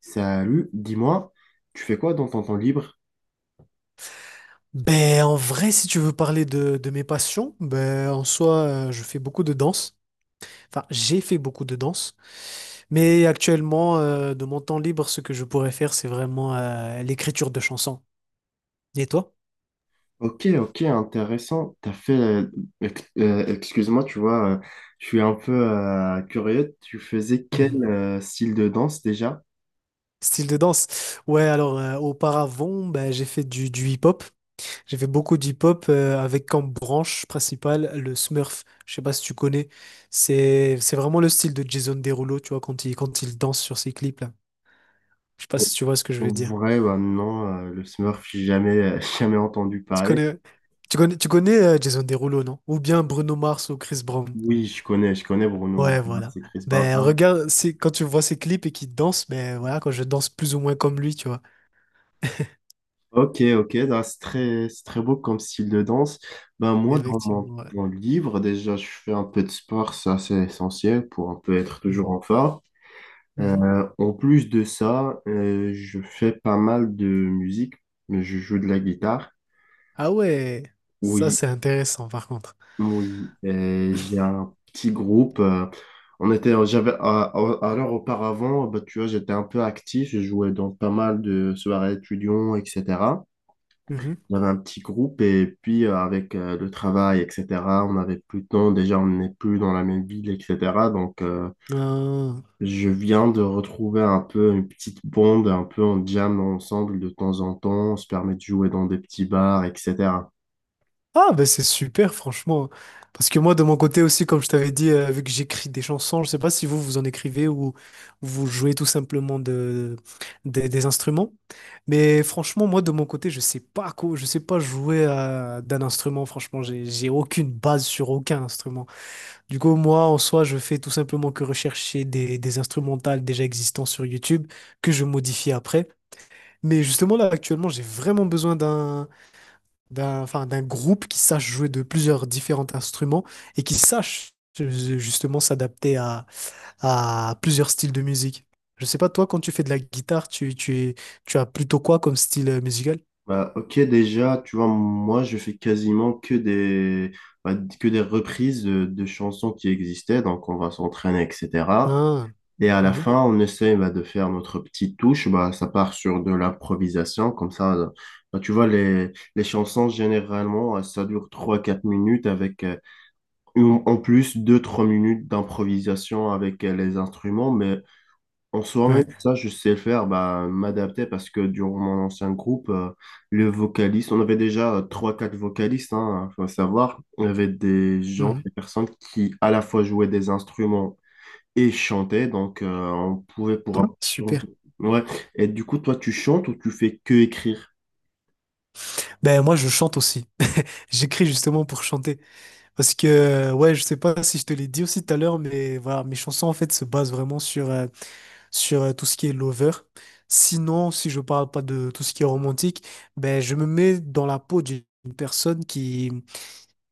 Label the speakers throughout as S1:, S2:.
S1: Salut, dis-moi, tu fais quoi dans ton temps libre?
S2: Ben, en vrai, si tu veux parler de mes passions, ben, en soi, je fais beaucoup de danse. Enfin, j'ai fait beaucoup de danse. Mais actuellement, de mon temps libre, ce que je pourrais faire, c'est vraiment l'écriture de chansons. Et toi?
S1: Ok, ok, intéressant. T'as fait, excuse-moi, tu vois, je suis un peu curieux. Tu faisais quel
S2: Mhm.
S1: style de danse déjà?
S2: Style de danse. Ouais, alors auparavant, ben, j'ai fait du hip-hop. J'ai fait beaucoup d'hip-hop avec comme branche principale le Smurf. Je sais pas si tu connais. C'est vraiment le style de Jason Derulo, tu vois, quand il danse sur ses clips là. Je sais pas si tu vois ce que je
S1: En
S2: veux dire.
S1: vrai, bah non, le Smurf, j'ai jamais, jamais entendu
S2: Tu
S1: parler.
S2: connais, tu connais Jason Derulo, non? Ou bien Bruno Mars ou Chris Brown.
S1: Oui, je connais Bruno
S2: Ouais, voilà.
S1: Mars et Chris Brown.
S2: Ben
S1: Ah,
S2: regarde, c'est quand tu vois ses clips et qu'il danse, ben voilà, quand je danse plus ou moins comme lui, tu vois.
S1: ok, ok, bah, c'est très beau comme style de danse. Ben,
S2: Et
S1: moi, dans mon
S2: effectivement, ouais.
S1: temps libre, déjà, je fais un peu de sport, ça c'est essentiel pour un peu être toujours
S2: Mhm.
S1: en forme.
S2: Mhm.
S1: En plus de ça, je fais pas mal de musique, mais je joue de la guitare.
S2: Ah ouais, ça
S1: Oui,
S2: c'est intéressant par contre.
S1: oui. J'ai un petit groupe. On était, j'avais, à- alors auparavant, bah, tu vois, j'étais un peu actif. Je jouais dans pas mal de soirées étudiants, etc.
S2: Mhm.
S1: J'avais un petit groupe et puis avec le travail, etc. On n'avait plus de temps. Déjà, on n'est plus dans la même ville, etc. Donc,
S2: Ah.
S1: je viens de retrouver un peu une petite bande, un peu en jam ensemble de temps en temps, on se permet de jouer dans des petits bars, etc.
S2: Ah, ben c'est super, franchement. Parce que moi, de mon côté aussi, comme je t'avais dit, vu que j'écris des chansons, je sais pas si vous en écrivez ou vous jouez tout simplement de, des instruments. Mais franchement, moi, de mon côté, je sais pas quoi, je sais pas d'un instrument. Franchement, j'ai aucune base sur aucun instrument. Du coup, moi, en soi, je fais tout simplement que rechercher des instrumentales déjà existants sur YouTube que je modifie après. Mais justement, là, actuellement, j'ai vraiment besoin d'un groupe qui sache jouer de plusieurs différents instruments et qui sache euh, justement à plusieurs styles de musique. Je sais pas, toi, quand tu fais de la guitare, tu as plutôt quoi comme style musical?
S1: Bah, ok, déjà, tu vois, moi, je fais quasiment que bah, que des reprises de chansons qui existaient, donc on va s'entraîner, etc.
S2: Ah,
S1: Et à la
S2: mhm,
S1: fin, on essaie bah, de faire notre petite touche, bah, ça part sur de l'improvisation, comme ça, bah, tu vois, les chansons, généralement, ça dure trois quatre minutes avec, ou en plus, deux trois minutes d'improvisation avec les instruments, mais en soi, même
S2: ouais.
S1: ça, je sais faire, bah, m'adapter parce que durant mon ancien groupe, le vocaliste, on avait déjà trois quatre vocalistes, hein, faut savoir, on avait des gens,
S2: mhm.
S1: des personnes qui à la fois jouaient des instruments et chantaient, donc on pouvait
S2: Ouais,
S1: changer.
S2: Super.
S1: Ouais. Et du coup, toi, tu chantes ou tu fais que écrire?
S2: Ben moi je chante aussi. J'écris justement pour chanter parce que ouais, je sais pas si je te l'ai dit aussi tout à l'heure mais voilà, mes chansons en fait se basent vraiment sur tout ce qui est lover. Sinon, si je parle pas de tout ce qui est romantique, ben je me mets dans la peau d'une personne qui,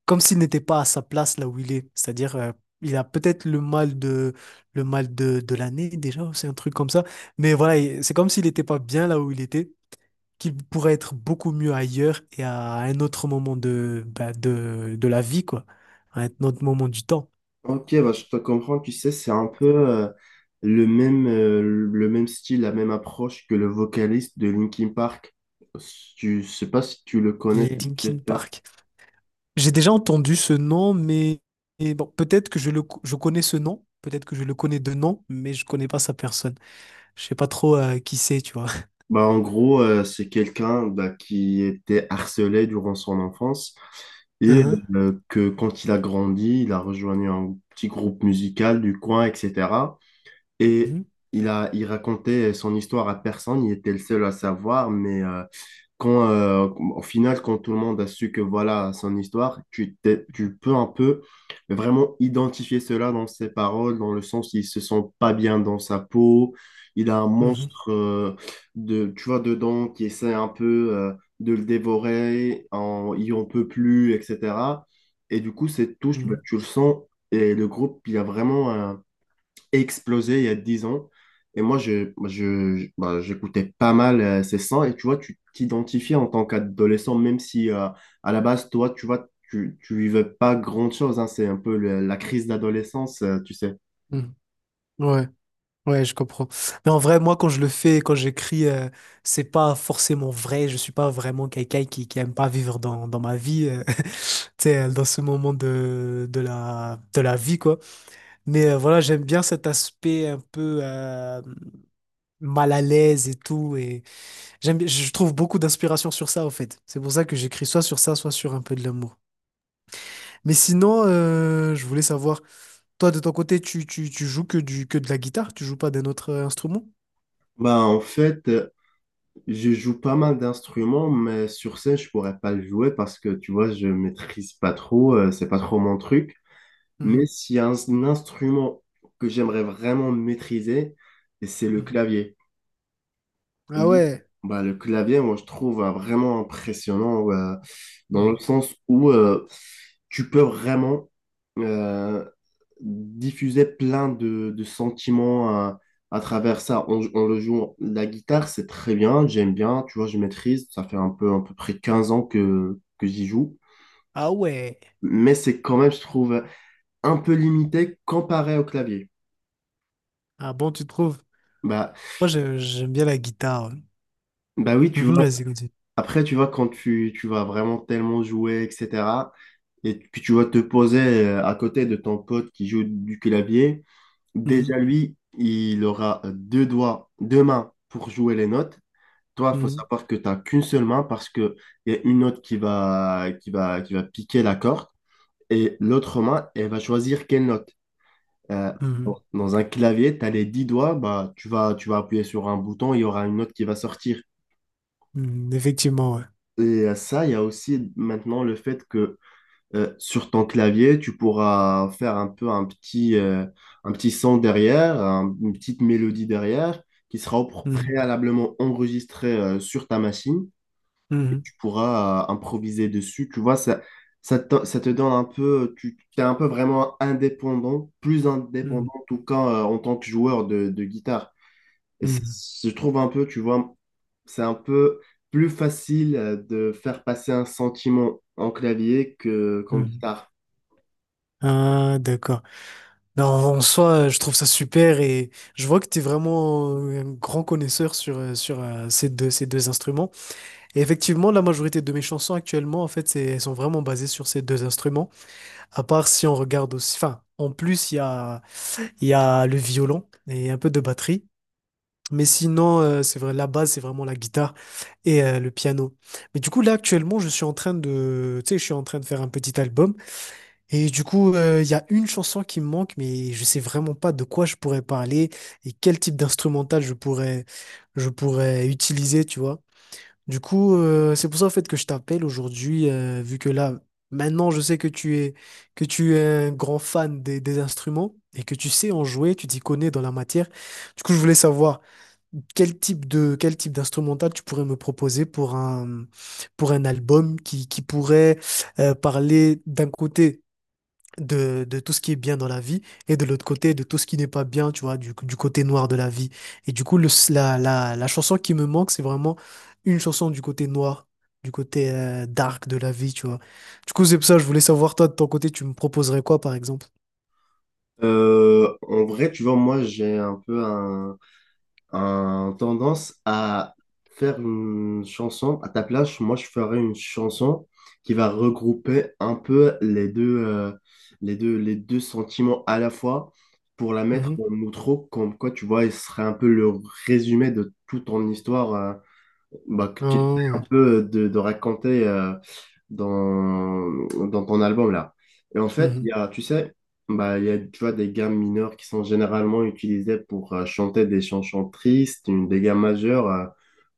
S2: comme s'il n'était pas à sa place là où il est. C'est-à-dire, il a peut-être le mal de l'année déjà, c'est un truc comme ça. Mais voilà, c'est comme s'il n'était pas bien là où il était, qu'il pourrait être beaucoup mieux ailleurs et à un autre moment de la vie, quoi. À un autre moment du temps.
S1: Ok, bah, je te comprends, tu sais, c'est un peu le même style, la même approche que le vocaliste de Linkin Park. Si Tu, je sais pas si tu le
S2: Il
S1: connais,
S2: est
S1: c'est
S2: Linkin
S1: Chester.
S2: Park. J'ai déjà entendu ce nom, mais et bon, peut-être que je connais ce nom, peut-être que je le connais de nom, mais je connais pas sa personne. Je sais pas trop qui c'est, tu vois.
S1: Bah, en gros, c'est quelqu'un bah, qui était harcelé durant son enfance et que quand il a grandi, il a rejoint un petit groupe musical du coin, etc.
S2: Mhm,
S1: Et
S2: mhm,
S1: il racontait son histoire à personne, il était le seul à savoir, mais... quand, euh, au final, quand tout le monde a su que voilà son histoire, tu peux un peu vraiment identifier cela dans ses paroles, dans le sens il se sent pas bien dans sa peau, il a un
S2: mhm,
S1: monstre de, tu vois, dedans qui essaie un peu de le dévorer, il en peut plus, etc. Et du coup, cette touche, bah,
S2: mhm,
S1: tu le sens, et le groupe, il y a vraiment un explosé il y a 10 ans. Et moi, bah, j'écoutais pas mal ces sons. Et tu vois, tu t'identifies en tant qu'adolescent, même si à la base, toi, tu vois, tu vivais pas grand-chose, hein. C'est un peu la crise d'adolescence, tu sais.
S2: mhm. Ouais, ouais, je comprends. Mais en vrai, moi, quand je le fais, quand j'écris, c'est pas forcément vrai. Je suis pas vraiment quelqu'un qui aime pas vivre dans ma vie, tu sais, dans ce moment de la vie, quoi. Mais voilà, j'aime bien cet aspect un peu mal à l'aise et tout. Et, je trouve beaucoup d'inspiration sur ça, en fait. C'est pour ça que j'écris soit sur ça, soit sur un peu de l'amour. Mais sinon, je voulais savoir, toi, de ton côté, tu joues que que de la guitare? Tu joues pas d'un autre instrument?
S1: Bah, en fait, je joue pas mal d'instruments, mais sur scène, je pourrais pas le jouer parce que, tu vois, je maîtrise pas trop. C'est pas trop mon truc. Mais
S2: Mhm,
S1: s'il y a un instrument que j'aimerais vraiment maîtriser, c'est le
S2: mhm.
S1: clavier.
S2: Ah
S1: Oui.
S2: ouais.
S1: Bah, le clavier, moi, je trouve vraiment impressionnant dans le
S2: mhm.
S1: sens où tu peux vraiment euh, diffuser plein de sentiments à travers ça. On le joue, la guitare, c'est très bien, j'aime bien, tu vois, je maîtrise. Ça fait un peu, à peu près 15 ans que j'y joue.
S2: Ah ouais.
S1: Mais c'est quand même, je trouve, un peu limité comparé au clavier.
S2: Ah bon, tu trouves?
S1: Bah,
S2: Moi, j'aime bien la guitare. Ouais.
S1: bah, oui, tu
S2: Mhm,
S1: vois,
S2: vas-y, continue.
S1: après, tu vois, quand tu vas vraiment tellement jouer, etc. et puis tu vas te poser à côté de ton pote qui joue du clavier. Déjà,
S2: Mhm,
S1: lui, il aura deux doigts, deux mains pour jouer les notes. Toi, il faut
S2: mhm,
S1: savoir que tu n'as qu'une seule main parce qu'il y a une note qui va piquer la corde et l'autre main, elle va choisir quelle note. Euh, bon,
S2: mhm,
S1: dans un clavier, tu as les 10 doigts, bah, tu vas appuyer sur un bouton, il y aura une note qui va sortir.
S2: mhm. Effectivement, ouais.
S1: Et à ça, il y a aussi maintenant le fait qu'il sur ton clavier, tu pourras faire un peu un petit, son derrière, une petite mélodie derrière, qui sera
S2: Mhm,
S1: préalablement enregistrée sur ta machine et
S2: mhm,
S1: tu pourras improviser dessus. Tu vois, ça te donne un peu, tu es un peu vraiment indépendant, plus
S2: mhm,
S1: indépendant en tout cas en tant que joueur de guitare. Et
S2: mhm,
S1: je trouve un peu, tu vois, c'est un peu plus facile de faire passer un sentiment en clavier qu'en
S2: mhm.
S1: guitare.
S2: Ah, d'accord. Non, en soi, je trouve ça super et je vois que tu es vraiment un grand connaisseur sur ces deux instruments. Et effectivement, la majorité de mes chansons actuellement, en fait, elles sont vraiment basées sur ces deux instruments. À part si on regarde aussi, enfin, en plus, il y a le violon et un peu de batterie. Mais sinon, c'est vrai, la base, c'est vraiment la guitare et le piano. Mais du coup, là, actuellement, je suis en train de, tu sais, je suis en train de faire un petit album. Et du coup, il y a une chanson qui me manque, mais je sais vraiment pas de quoi je pourrais parler et quel type d'instrumental je pourrais utiliser, tu vois. Du coup, c'est pour ça en fait que je t'appelle aujourd'hui, vu que là, maintenant, je sais que tu es un grand fan des instruments et que tu sais en jouer, tu t'y connais dans la matière. Du coup, je voulais savoir quel type d'instrumental tu pourrais me proposer pour un album qui pourrait parler d'un côté de tout ce qui est bien dans la vie et de l'autre côté de tout ce qui n'est pas bien, tu vois, du côté noir de la vie. Et du coup, la chanson qui me manque, c'est vraiment une chanson du côté noir, du côté dark de la vie, tu vois. Du coup, c'est pour ça, je voulais savoir, toi, de ton côté, tu me proposerais quoi, par exemple?
S1: En vrai, tu vois, moi, j'ai un peu un tendance à faire une chanson. À ta place, moi, je ferais une chanson qui va regrouper un peu les deux sentiments à la fois pour la mettre en
S2: Mhm.
S1: outro, comme quoi, tu vois, il serait un peu le résumé de toute ton histoire, bah, que tu essaies un
S2: Ah.
S1: peu de raconter dans, dans ton album là. Et en fait,
S2: Mhm.
S1: tu sais, bah, il y a, tu vois, des gammes mineures qui sont généralement utilisées pour chanter des chansons tristes, des gammes majeures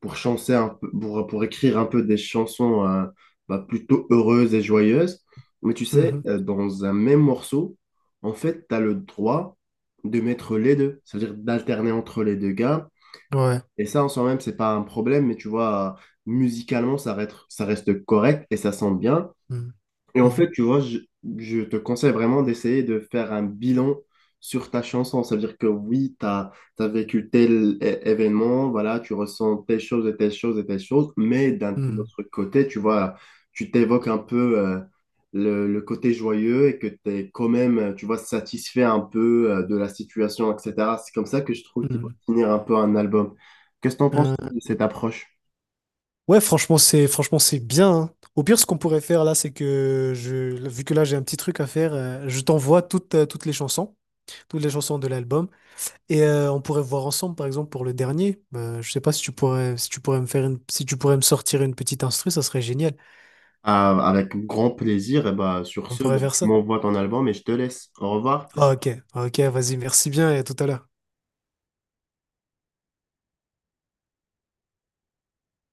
S1: pour chanter un peu, pour écrire un peu des chansons bah, plutôt heureuses et joyeuses. Mais tu sais,
S2: Mhm.
S1: dans un même morceau, en fait, tu as le droit de mettre les deux, c'est-à-dire d'alterner entre les deux gammes
S2: Ouais.
S1: et ça, en soi-même, c'est pas un problème, mais tu vois, musicalement, ça reste correct et ça sent bien.
S2: Mhm.
S1: Et en fait, tu vois, je te conseille vraiment d'essayer de faire un bilan sur ta chanson. Ça veut dire que oui, tu as vécu tel événement, voilà, tu ressens telle chose et telle chose et telle chose, mais d'un
S2: Mhm.
S1: autre côté, tu vois, tu t'évoques un peu le côté joyeux et que tu es quand même, tu vois, satisfait un peu de la situation, etc. C'est comme ça que je trouve qu'il va
S2: Mhm.
S1: finir un peu un album. Qu'est-ce que tu en penses
S2: Mhm.
S1: de cette approche?
S2: Ouais, franchement c'est bien, hein. Au pire, ce qu'on pourrait faire là, c'est que je, vu que là j'ai un petit truc à faire, je t'envoie toutes les chansons de l'album, et on pourrait voir ensemble, par exemple pour le dernier. Je sais pas si tu pourrais si tu pourrais me sortir une petite instru, ça serait génial.
S1: Ah, avec grand plaisir. Et bah, sur
S2: On
S1: ce,
S2: pourrait
S1: bah,
S2: faire
S1: tu
S2: ça.
S1: m'envoies ton album et je te laisse. Au revoir.
S2: Ah, ok, ok, vas-y, merci bien et à tout à l'heure.